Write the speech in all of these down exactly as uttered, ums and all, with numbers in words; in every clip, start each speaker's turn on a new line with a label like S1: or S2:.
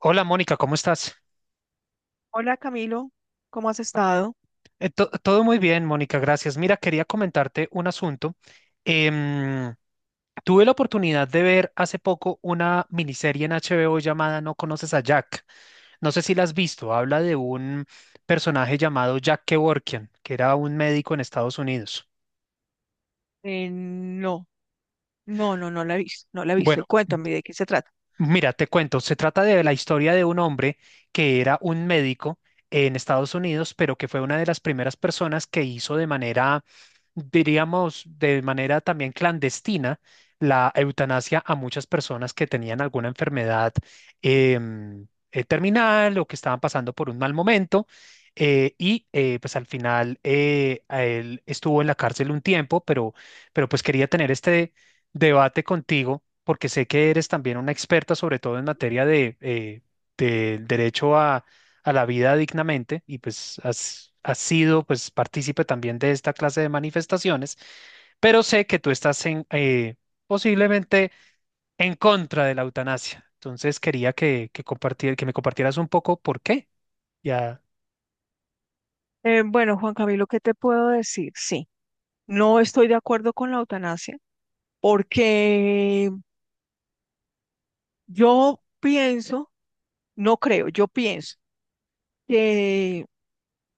S1: Hola Mónica, ¿cómo estás?
S2: Hola Camilo, ¿cómo has estado?
S1: Eh, to- todo muy bien, Mónica, gracias. Mira, quería comentarte un asunto. Em, Tuve la oportunidad de ver hace poco una miniserie en H B O llamada No conoces a Jack. No sé si la has visto. Habla de un personaje llamado Jack Kevorkian, que era un médico en Estados Unidos.
S2: Eh, no, no, no, no la he visto, no la he
S1: Bueno,
S2: visto. Cuéntame de qué se trata.
S1: mira, te cuento, se trata de la historia de un hombre que era un médico en Estados Unidos, pero que fue una de las primeras personas que hizo de manera, diríamos, de manera también clandestina la eutanasia a muchas personas que tenían alguna enfermedad em, eh, terminal o que estaban pasando por un mal momento. Eh, y eh, pues al final eh, a él estuvo en la cárcel un tiempo, pero, pero pues quería tener este debate contigo, porque sé que eres también una experta, sobre todo en materia de, eh, del derecho a, a la vida dignamente, y pues has, has sido pues partícipe también de esta clase de manifestaciones, pero sé que tú estás en, eh, posiblemente en contra de la eutanasia. Entonces quería que, que, compartir, que me compartieras un poco por qué. Ya
S2: Eh, bueno, Juan Camilo, ¿qué te puedo decir? Sí, no estoy de acuerdo con la eutanasia porque yo pienso, no creo, yo pienso que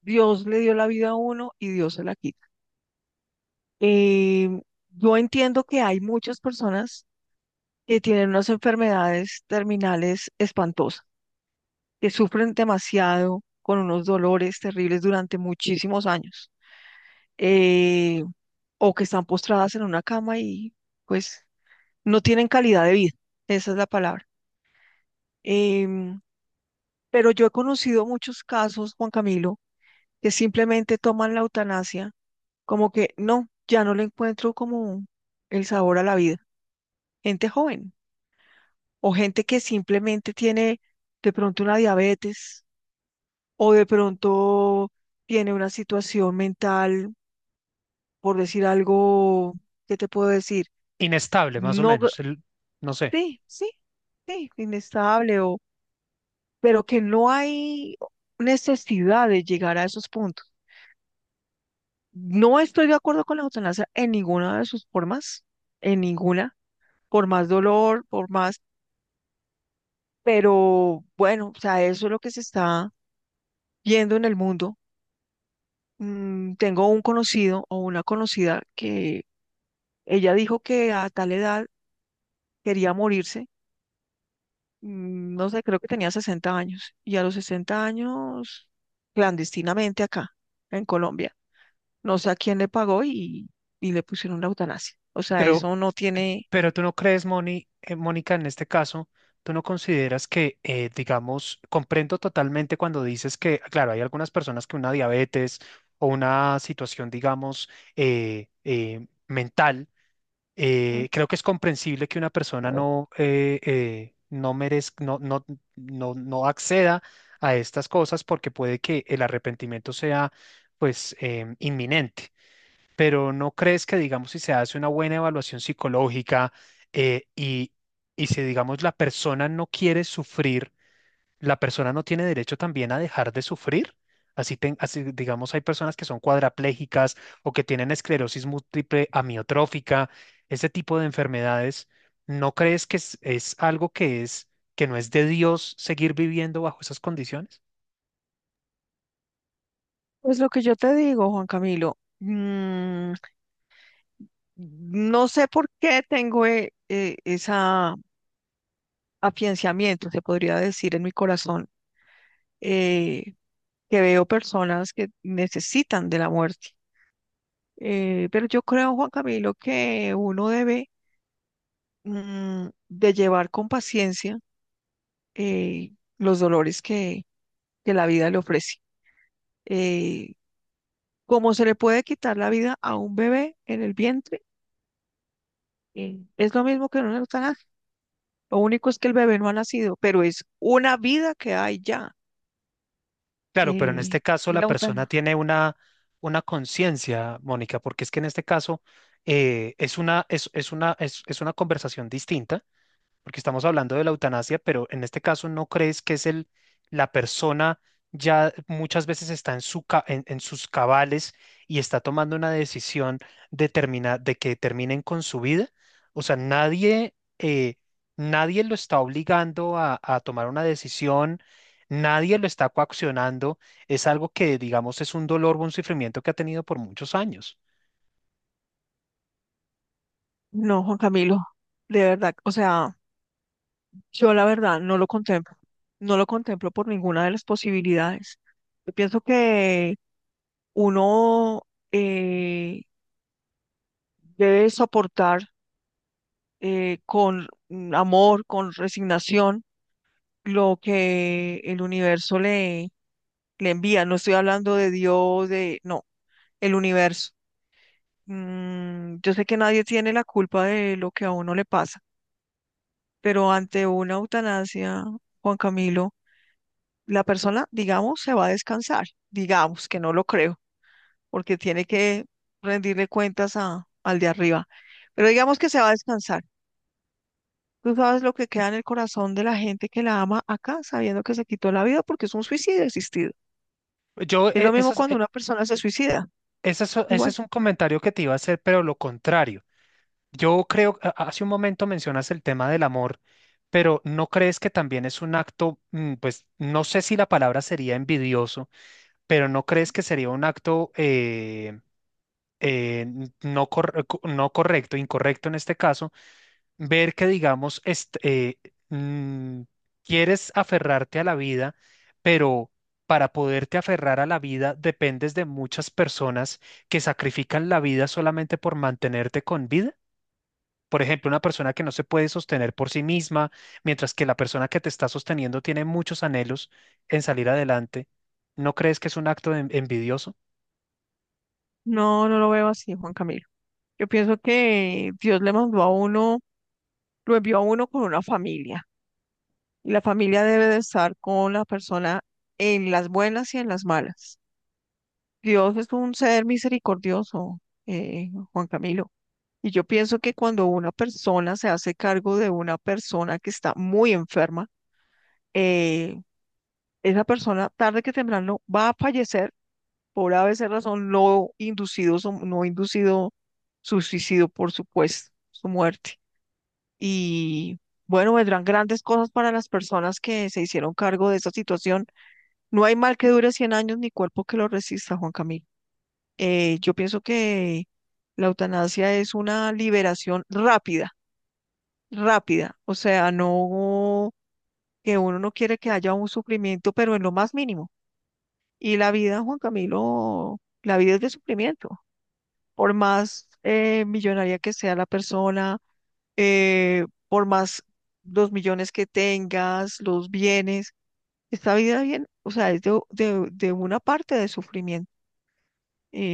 S2: Dios le dio la vida a uno y Dios se la quita. Eh, yo entiendo que hay muchas personas que tienen unas enfermedades terminales espantosas que sufren demasiado con unos dolores terribles durante muchísimos años, eh, o que están postradas en una cama y pues no tienen calidad de vida, esa es la palabra. Em, pero yo he conocido muchos casos, Juan Camilo, que simplemente toman la eutanasia como que no, ya no le encuentro como el sabor a la vida. Gente joven o gente que simplemente tiene de pronto una diabetes o de pronto tiene una situación mental, por decir algo, ¿qué te puedo decir?
S1: inestable, más o
S2: No, gra-
S1: menos, el- no sé,
S2: sí, sí, sí, inestable, o, pero que no hay necesidad de llegar a esos puntos. No estoy de acuerdo con la eutanasia en ninguna de sus formas, en ninguna, por más dolor, por más, pero bueno, o sea, eso es lo que se está viendo en el mundo. Mm, tengo un conocido o una conocida que ella dijo que a tal edad quería morirse, mm, no sé, creo que tenía sesenta años y a los sesenta años, clandestinamente acá, en Colombia. No sé a quién le pagó y, y le pusieron la eutanasia. O sea,
S1: pero
S2: eso no tiene...
S1: Pero tú no crees, Moni, eh, Mónica, en este caso, tú no consideras que, eh, digamos, comprendo totalmente cuando dices que, claro, hay algunas personas que una diabetes o una situación, digamos, eh, eh, mental,
S2: Mm.
S1: eh, creo que es comprensible que una persona no, eh, eh, no merezca, no, no, no, no acceda a estas cosas porque puede que el arrepentimiento sea, pues, em, inminente, pero ¿no crees que, digamos, si se hace una buena evaluación psicológica eh, y, y si, digamos, la persona no quiere sufrir, la persona no tiene derecho también a dejar de sufrir? Así, ten- así, digamos, hay personas que son cuadraplégicas o que tienen esclerosis múltiple amiotrófica, ese tipo de enfermedades. ¿No crees que es, es algo que es, que no es de Dios seguir viviendo bajo esas condiciones?
S2: Pues lo que yo te digo, Juan Camilo, mm, no sé por qué tengo eh, eh, esa afianzamiento, se podría decir, en mi corazón, eh, que veo personas que necesitan de la muerte. Eh, pero yo creo, Juan Camilo, que uno debe, mm, de llevar con paciencia eh, los dolores que, que la vida le ofrece. Eh, como se le puede quitar la vida a un bebé en el vientre, eh, es lo mismo que en un eutanasia. Lo único es que el bebé no ha nacido, pero es una vida que hay ya.
S1: Claro, pero en
S2: Eh,
S1: este caso
S2: y
S1: la
S2: la
S1: persona
S2: eutanasia.
S1: tiene una, una conciencia, Mónica, porque es que en este caso eh, es una, es, es una, es, es una conversación distinta porque estamos hablando de la eutanasia, pero en este caso no crees que es el, la persona ya muchas veces está en, su, ca- en, en sus cabales y está tomando una decisión de, termina- de que terminen con su vida. O sea, nadie, eh, nadie lo está obligando a, a tomar una decisión, nadie lo está coaccionando. Es algo que, digamos, es un dolor o un sufrimiento que ha tenido por muchos años.
S2: No, Juan Camilo, de verdad, o sea, yo la verdad no lo contemplo. No lo contemplo por ninguna de las posibilidades. Yo pienso que uno eh, debe soportar, eh, con mm, amor, con resignación, lo que el universo le, le envía. No estoy hablando de Dios, de, no, el universo. Mm, yo sé que nadie tiene la culpa de lo que a uno le pasa, pero ante una eutanasia, Juan Camilo, la persona, digamos, se va a descansar, digamos, que no lo creo, porque tiene que rendirle cuentas a, al de arriba, pero digamos que se va a descansar. Tú sabes lo que queda en el corazón de la gente que la ama acá, sabiendo que se quitó la vida porque es un suicidio existido.
S1: Yo,
S2: Es
S1: eh,
S2: lo mismo
S1: esas-
S2: cuando
S1: eh,
S2: una persona se suicida.
S1: Ese es ese es
S2: Igual.
S1: un comentario que te iba a hacer, pero lo contrario. Yo creo, a- hace un momento mencionas el tema del amor, pero ¿no crees que también es un acto, mm, pues no sé si la palabra sería envidioso, pero ¿no crees que sería un acto eh, eh, n- no, corre- co- no correcto, incorrecto en este caso, ver que, digamos, est- eh, mm, quieres aferrarte a la vida, pero para poderte aferrar a la vida dependes de muchas personas que sacrifican la vida solamente por mantenerte con vida? Por ejemplo, una persona que no se puede sostener por sí misma, mientras que la persona que te está sosteniendo tiene muchos anhelos en salir adelante, ¿no crees que es un acto en- envidioso?
S2: No, no lo veo así, Juan Camilo. Yo pienso que Dios le mandó a uno, lo envió a uno con una familia. Y la familia debe de estar con la persona en las buenas y en las malas. Dios es un ser misericordioso, eh, Juan Camilo. Y yo pienso que cuando una persona se hace cargo de una persona que está muy enferma, eh esa persona tarde que temprano va a fallecer por a ABC razón, no inducido, su- no inducido su suicidio, por supuesto, su muerte. Y bueno, vendrán grandes cosas para las personas que se hicieron cargo de esta situación. No hay mal que dure cien años ni cuerpo que lo resista, Juan Camilo. Eh, yo pienso que la eutanasia es una liberación rápida, rápida. O sea, no que uno no quiere que haya un sufrimiento, pero en lo más mínimo. Y la vida, Juan Camilo, la vida es de sufrimiento. Por más eh, millonaria que sea la persona, eh, por más los millones que tengas, los bienes, esta vida bien, o sea, es de, de- de una parte de sufrimiento.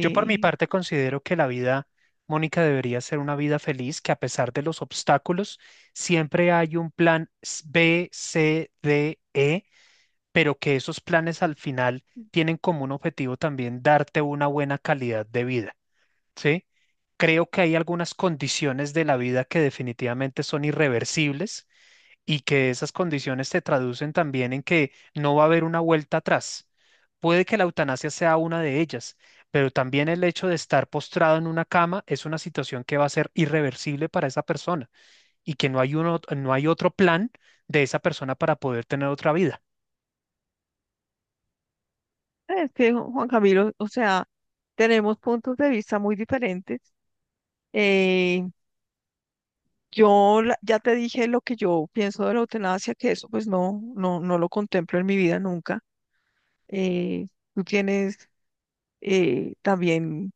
S1: Yo por mi parte considero que la vida, Mónica, debería ser una vida feliz, que a pesar de los obstáculos, siempre hay un plan s- B C D E, pero que esos planes al final tienen como un objetivo también darte una buena calidad de vida. ¿Sí? Creo que hay algunas condiciones de la vida que definitivamente son irreversibles y que esas condiciones se traducen también en que no va a haber una vuelta atrás. Puede que la eutanasia sea una de ellas, pero también el hecho de estar postrado en una cama es una situación que va a ser irreversible para esa persona y que no hay uno, no hay otro plan de esa persona para poder tener otra vida.
S2: es que, Juan Camilo, o sea, tenemos puntos de vista muy diferentes. Eh, yo la- ya te dije lo que yo pienso de la eutanasia, que eso pues no, no, no lo contemplo en mi vida nunca. Eh, Tú tienes eh, también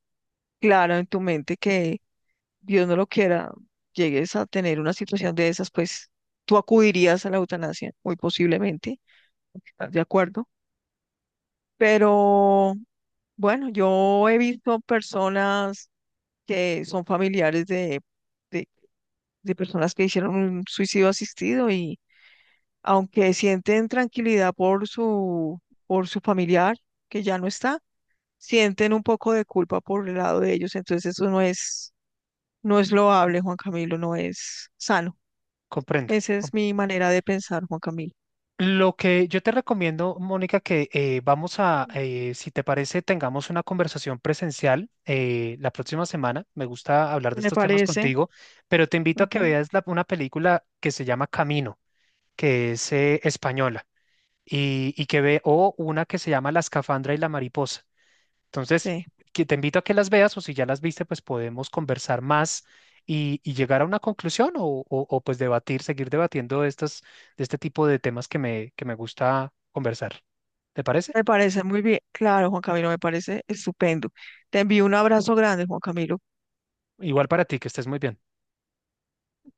S2: claro en tu mente que, Dios no lo quiera, llegues a tener una situación de esas, pues tú acudirías a la eutanasia, muy posiblemente, ¿estás de acuerdo? Pero bueno, yo he visto personas que son familiares de, de, de personas que hicieron un suicidio asistido y aunque sienten tranquilidad por su, por su familiar que ya no está, sienten un poco de culpa por el lado de ellos, entonces eso no es. No es loable, Juan Camilo, no es sano.
S1: Comprendo,
S2: Esa es mi manera de pensar, Juan Camilo.
S1: lo que yo te recomiendo, Mónica, que eh, vamos a, eh, si te parece, tengamos una conversación presencial eh, la próxima semana. Me gusta hablar de
S2: Me
S1: estos temas
S2: parece,
S1: contigo, pero te invito a que
S2: ujú,
S1: veas la- una película que se llama Camino, que es eh, española, y, y que ve, o una que se llama La escafandra y la mariposa. Entonces,
S2: sí,
S1: que te invito a que las veas o si ya las viste, pues podemos conversar más y, y llegar a una conclusión o, o- o, pues debatir, seguir debatiendo de estas, de este tipo de temas que me, que me gusta conversar. ¿Te parece?
S2: me parece muy bien. Claro, Juan Camilo, me parece estupendo. Te envío un abrazo grande, Juan Camilo.
S1: Igual para ti, que estés muy bien.